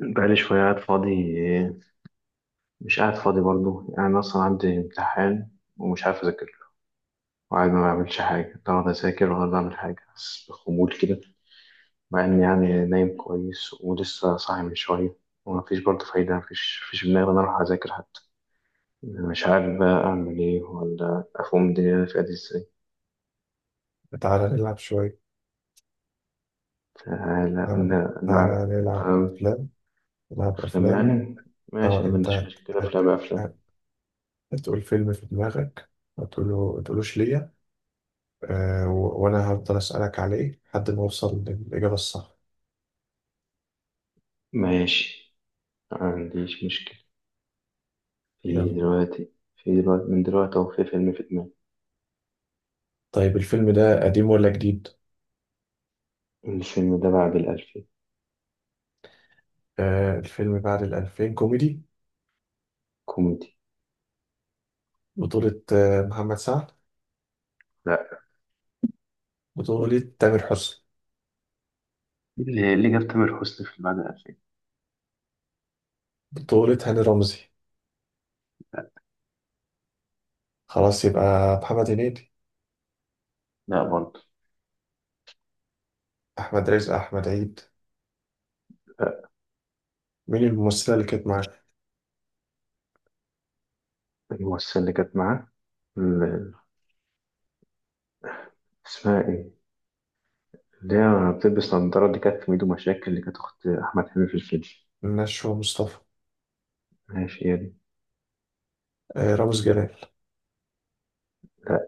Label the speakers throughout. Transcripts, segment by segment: Speaker 1: بقالي شوية قاعد فاضي. مش قاعد فاضي برضو يعني أنا أصلا عندي امتحان ومش عارف أذاكر له، وقاعد ما بعملش حاجة لا ولا أذاكر ولا بعمل حاجة بس بخمول كده. مع إني يعني نايم كويس ولسه صاحي من شوية. ومفيش برضه فايدة، مفيش في دماغي إن أنا أروح أذاكر حتى. يعني مش عارف بقى أعمل إيه ولا أفهم الدنيا اللي أنا فيها دي إزاي.
Speaker 2: تعالى نلعب شوية.
Speaker 1: فلا، لا.
Speaker 2: تعالى،
Speaker 1: لا،
Speaker 2: تعالى
Speaker 1: لا.
Speaker 2: نلعب أفلام نلعب
Speaker 1: أفلام
Speaker 2: أفلام
Speaker 1: يعني؟ ماشي، ما
Speaker 2: أنت
Speaker 1: عنديش مشكلة، أفلام أفلام.
Speaker 2: هت- هتقول فيلم في دماغك، ما تقوله تقولوش ليا. أه و... وأنا هفضل أسألك عليه لحد ما أوصل للإجابة الصح.
Speaker 1: ماشي، ما عنديش مشكلة. في
Speaker 2: يلا.
Speaker 1: دلوقتي في دلوقتي من دلوقتي أهو في فيلم في دماغي.
Speaker 2: طيب الفيلم ده قديم ولا جديد؟
Speaker 1: الفيلم ده بعد الألفين.
Speaker 2: الفيلم بعد الألفين، كوميدي.
Speaker 1: كوميدي.
Speaker 2: بطولة محمد سعد.
Speaker 1: لا.
Speaker 2: بطولة تامر حسني.
Speaker 1: اللي جاب تامر حسني في بعد الألفين؟
Speaker 2: بطولة هاني رمزي. خلاص يبقى محمد هنيدي.
Speaker 1: لا برضه.
Speaker 2: أحمد رزق، أحمد عيد.
Speaker 1: لا.
Speaker 2: مين الممثلة اللي كانت معاه؟
Speaker 1: الممثلة اللي كانت معاه، ال- اسمها إيه؟ اللي هي بتلبس نضارة، اللي كانت في ميدو مشاكل، اللي كانت أخت أحمد حلمي في الفيلم.
Speaker 2: نشوى مصطفى.
Speaker 1: ماشي، هي دي.
Speaker 2: رامز جلال.
Speaker 1: لا.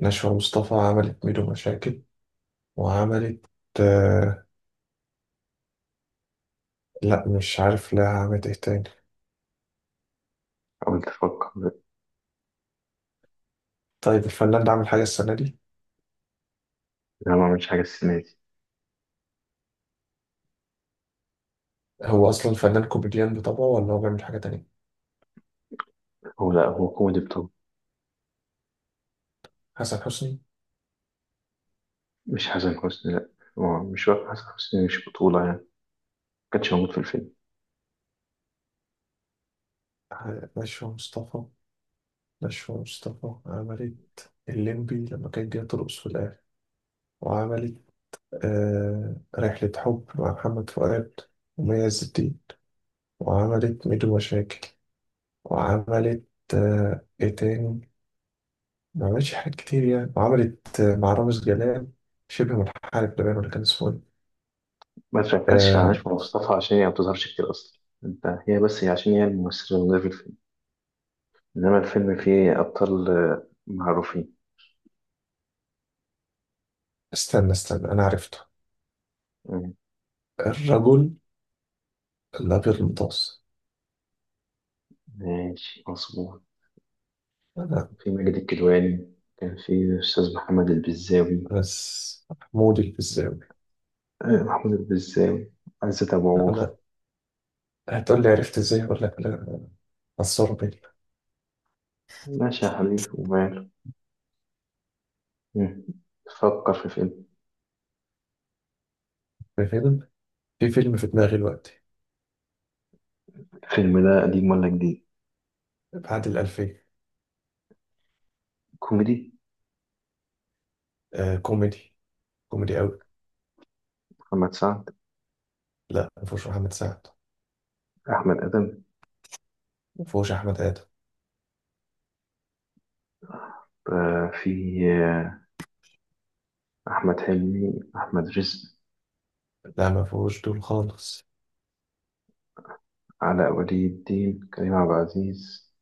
Speaker 2: نشوى مصطفى عملت ميدو مشاكل، وعملت آه لا مش عارف، لا، عملت ايه تاني؟
Speaker 1: حاولت أفكر، لا.
Speaker 2: طيب الفنان ده عامل حاجة السنة دي؟
Speaker 1: لا، ما عملتش حاجة السنة دي.
Speaker 2: هو أصلا فنان كوميديان بطبعه ولا هو بيعمل حاجة تانية؟
Speaker 1: هو لا، هو كوميدي بطولة.
Speaker 2: حسن حسني.
Speaker 1: مش حسن حسني، لا. هو مش واقع حسن حسني، مش بطولة يعني ما كانش موجود في الفيلم.
Speaker 2: نشوى مصطفى. نشوى مصطفى عملت الليمبي لما كان جاي ترقص في الآخر. وعملت رحلة حب مع محمد فؤاد ومي عز الدين. وعملت ميدو مشاكل. وعملت ايه تاني؟ ما عملتش حاجات كتير يعني. وعملت مع رامز جلال شبه منحرف لبنان، ولا كان اسمه ايه؟
Speaker 1: ما تركزش على نجم
Speaker 2: آه،
Speaker 1: مصطفى عشان هي ما بتظهرش كتير أصلا أنت، هي بس، هي عشان هي الممثلة اللي موجودة في الفيلم. إنما الفيلم فيه أبطال آه، معروفين.
Speaker 2: استنى استنى، انا عرفته.
Speaker 1: مم.
Speaker 2: الرجل الابيض المتوسط.
Speaker 1: ماشي، مظبوط.
Speaker 2: انا.
Speaker 1: في ماجد الكدواني، كان في الأستاذ محمد البزاوي.
Speaker 2: بس محمود الفيزاوي.
Speaker 1: آه، محمود البزاوي، عزت أبو عوف.
Speaker 2: انا هتقول لي عرفت ازاي ولا لك لا. اثروا بيا.
Speaker 1: ماشي يا حبيبي، وماله. مم. فكر في فيلم.
Speaker 2: في فيلم في فيلم في دماغي دلوقتي.
Speaker 1: الفيلم ده قديم ولا جديد؟
Speaker 2: بعد الألفية.
Speaker 1: كوميدي.
Speaker 2: كوميدي، كوميدي قوي.
Speaker 1: محمد سعد؟
Speaker 2: لا، ما فيهوش محمد سعد.
Speaker 1: أحمد آدم؟
Speaker 2: ما فيهوش احمد ادم.
Speaker 1: آه، في. آه، أحمد حلمي، أحمد رزق.
Speaker 2: لا، ما فيهوش دول خالص.
Speaker 1: علاء ولي الدين، كريم عبد العزيز.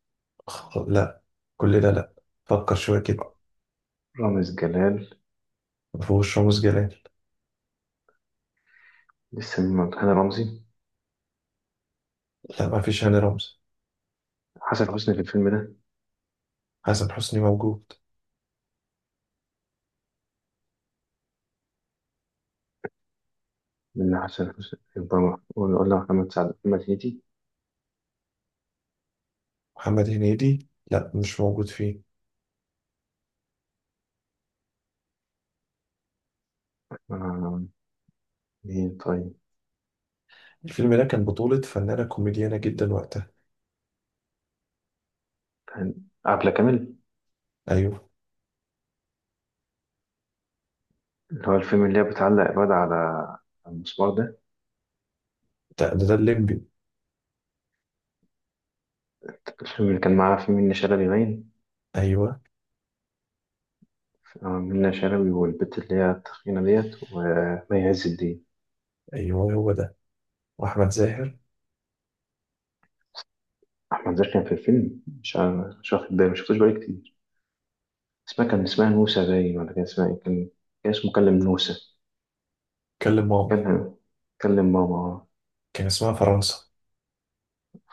Speaker 2: لا، كل ده لا. فكر شويه كده.
Speaker 1: رامز جلال.
Speaker 2: ما فيهوش رامز جلال.
Speaker 1: لسه، من هاني رمزي.
Speaker 2: لا، ما فيش هاني رمزي.
Speaker 1: حسن حسني في الفيلم ده؟
Speaker 2: حسن حسني موجود.
Speaker 1: من حسن حسني يبقى، ولا محمد سعد، محمد هنيدي.
Speaker 2: محمد هنيدي لا، مش موجود فيه.
Speaker 1: آه، مين طيب؟
Speaker 2: الفيلم ده كان بطولة فنانة كوميديانة جدا وقتها.
Speaker 1: كان. عبلة كامل.
Speaker 2: أيوه.
Speaker 1: اللي هو الفيلم اللي هي بتعلق الواد على المسمار ده.
Speaker 2: ده الليمبي.
Speaker 1: الفيلم اللي كان معاه فيه منة شلبي باين.
Speaker 2: أيوه،
Speaker 1: آه، منة شلبي والبت اللي هي التخينة ديت، ومي عز الدين.
Speaker 2: أيوه، هو ده. وأحمد زاهر.
Speaker 1: أحمد زكي كان في الفيلم، مش واخد بالي، مشفتوش بقالي كتير. اسمها كان اسمها نوسة باين، ولا كان اسمها إيه؟ كان اسمه كلم نوسة.
Speaker 2: كلم ماما.
Speaker 1: كلم كلم ماما.
Speaker 2: كان اسمها فرنسا.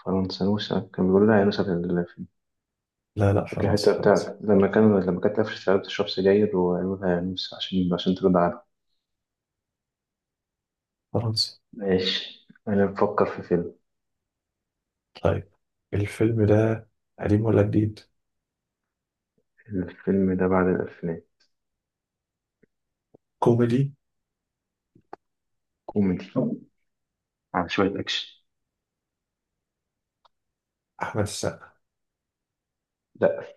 Speaker 1: فرنسا نوسة، كان بيقول لها يا نوسة
Speaker 2: لا لا،
Speaker 1: فاكر الحتة
Speaker 2: فرنسا، فرنسا،
Speaker 1: بتاعت لما كانت قفشت عليها بتشرب سجاير وقالوا لها يا نوسة عشان ترد عنها.
Speaker 2: فرنسا.
Speaker 1: ماشي، أنا بفكر في فيلم.
Speaker 2: طيب الفيلم ده قديم ولا جديد؟
Speaker 1: الفيلم ده بعد الأفلام.
Speaker 2: كوميدي.
Speaker 1: كوميدي، على شوية أكشن.
Speaker 2: أحمد السقا.
Speaker 1: لا.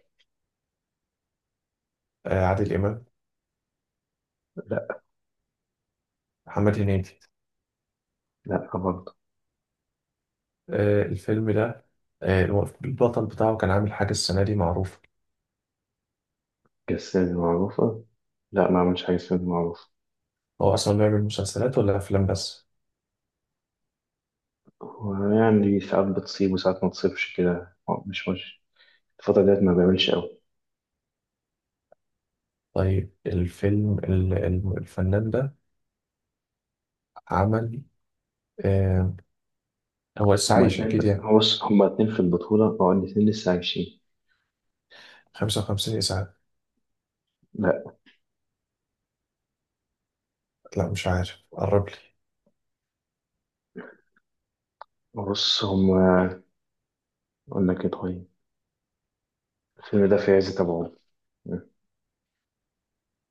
Speaker 2: عادل إمام.
Speaker 1: لا.
Speaker 2: محمد هنيدي.
Speaker 1: لا برضه.
Speaker 2: الفيلم ده. آه البطل بتاعه كان عامل حاجة السنة دي معروفة؟
Speaker 1: كالسينما معروفة؟ لا، ما عملش حاجة سينما معروفة.
Speaker 2: هو أصلا بيعمل مسلسلات ولا أفلام بس؟
Speaker 1: ويعني ساعات بتصيب وساعات ما تصيبش كده. مش الفترة ديت ما بيعملش أوي.
Speaker 2: طيب الفيلم الفنان ده عمل آه هو
Speaker 1: هما
Speaker 2: عايش
Speaker 1: اتنين،
Speaker 2: أكيد يعني؟
Speaker 1: هو بص، هما اتنين في البطولة، بقوا الاتنين لسه عايشين.
Speaker 2: 55 إسعاف.
Speaker 1: لا.
Speaker 2: لا مش عارف، قرب لي.
Speaker 1: بص هما، أقول لك إيه طيب. الفيلم ده في عز تبعه.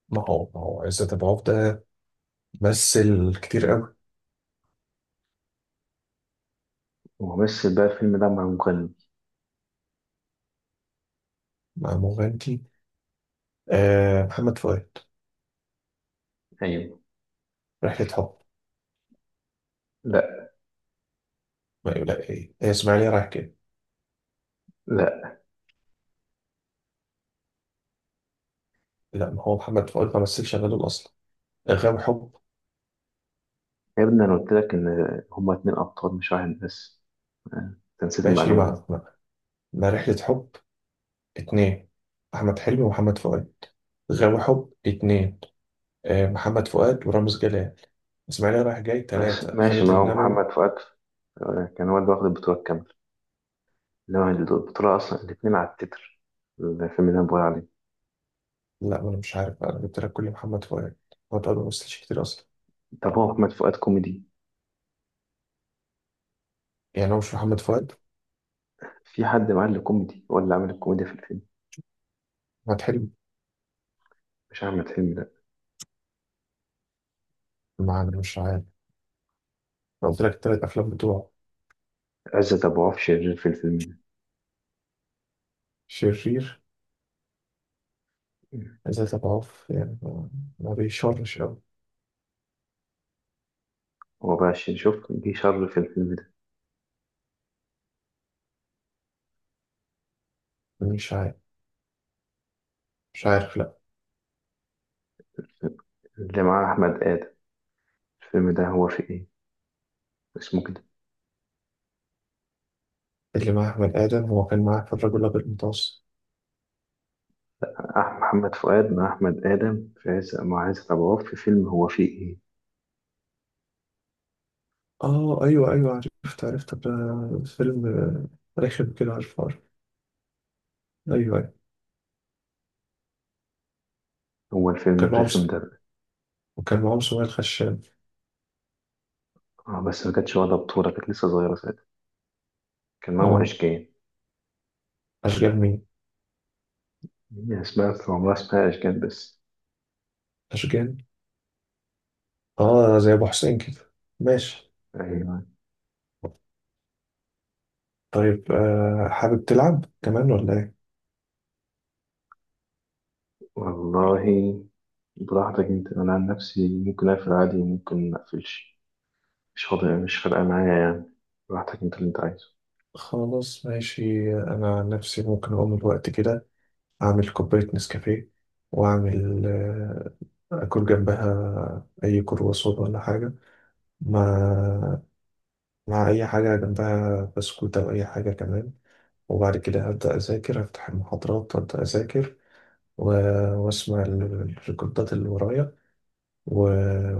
Speaker 2: ما هو عزت أبو عوف ده مثل كتير قوي.
Speaker 1: وممثل بقى الفيلم ده مع مغني.
Speaker 2: مع مغنتي. محمد فؤاد؟
Speaker 1: أيوه.
Speaker 2: رحلة حب؟
Speaker 1: لا.
Speaker 2: ما لا، إيه هي، إسماعيلية رايح كده.
Speaker 1: لا
Speaker 2: لا، ما هو محمد فؤاد ما مثلش غيره أصلا. غاوي حب.
Speaker 1: يا ابني، أنا قلت لك إن هما اتنين أبطال، مش واحد بس. أنت نسيت
Speaker 2: ماشي،
Speaker 1: المعلومة دي.
Speaker 2: مع رحلة حب اتنين، أحمد حلمي ومحمد فؤاد. غاوي حب اتنين، محمد فؤاد ورامز جلال. اسماعيليه رايح جاي
Speaker 1: بس
Speaker 2: ثلاثة
Speaker 1: ماشي،
Speaker 2: خالد
Speaker 1: ما هو
Speaker 2: النبوي.
Speaker 1: محمد فؤاد آه، كان هو اللي واخد البطولة الكاملة، إنما البطولة أصلا الاتنين على التتر، الفيلم اللي أنا بقول عليه.
Speaker 2: لا، ما انا مش عارف بقى، انا جبت لك كل محمد فؤاد. محمد فؤاد ما مثلش كتير اصلا.
Speaker 1: طب هو محمد فؤاد كوميدي؟
Speaker 2: يعني هو مش محمد فؤاد؟
Speaker 1: في حد معاه اللي كوميدي، هو اللي عامل الكوميديا في الفيلم.
Speaker 2: احمد حلمي.
Speaker 1: مش أحمد حلمي.
Speaker 2: ما انا مش عارف. انا قلت لك الثلاث افلام بتوعه.
Speaker 1: عزت أبو عوف شرير في الفيلم ده.
Speaker 2: شرير.
Speaker 1: مم.
Speaker 2: ذات اضعاف يعني، ما بيشرش قوي.
Speaker 1: هو بقى شرير، شوف جه شر في الفيلم ده.
Speaker 2: مش عارف. مش عارف، لا.
Speaker 1: اللي معاه أحمد آدم. الفيلم ده هو في إيه، اسمه كده؟
Speaker 2: اللي مع احمد ادم هو كان معاه في الرجل الابيض المتوسط.
Speaker 1: محمد فؤاد مع أحمد آدم في عز مع عزت أبو عوف في فيلم، هو في إيه؟
Speaker 2: اه، ايوه ايوه، عرفت عرفت ده. فيلم رخم كده، عارف عارف. ايوه ايوه.
Speaker 1: هو الفيلم
Speaker 2: كان معاهم
Speaker 1: الرخم ده بقى.
Speaker 2: وكان معاهم سؤال خشاب.
Speaker 1: آه، بس ما كانتش واخدة بطولة، كانت لسه صغيرة ساعتها. كان معاهم
Speaker 2: اه.
Speaker 1: أشجان.
Speaker 2: أشجان مين؟
Speaker 1: هي اسمها كان عمرها اسمها أشجان بس.
Speaker 2: أشجان؟ زي أبو حسين كده. ماشي.
Speaker 1: أيوة.
Speaker 2: طيب حابب تلعب كمان ولا إيه؟
Speaker 1: والله براحتك أنت، أنا عن نفسي ممكن أقفل عادي وممكن مقفلش، مش فاضي، مش فارقة معايا يعني. براحتك، أنت اللي أنت عايزه.
Speaker 2: خلاص ماشي. أنا عن نفسي ممكن أقوم الوقت كده، أعمل كوباية نسكافيه، وأعمل أكل جنبها أي كرواسون ولا حاجة، مع مع أي حاجة جنبها بسكوت أو أي حاجة كمان. وبعد كده هبدأ أذاكر، أفتح المحاضرات وأبدأ أذاكر، و- وأسمع الريكوردات اللي ورايا، و...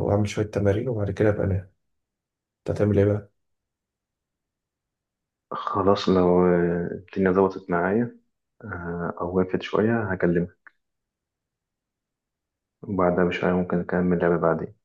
Speaker 2: واعمل شويه تمارين، وبعد كده ابقى انام. انت هتعمل ايه بقى؟
Speaker 1: خلاص، لو آه، الدنيا ظبطت معايا آه، او وقفت شوية هكلمك، وبعدها بشوية ممكن أكمل لعبة بعدين.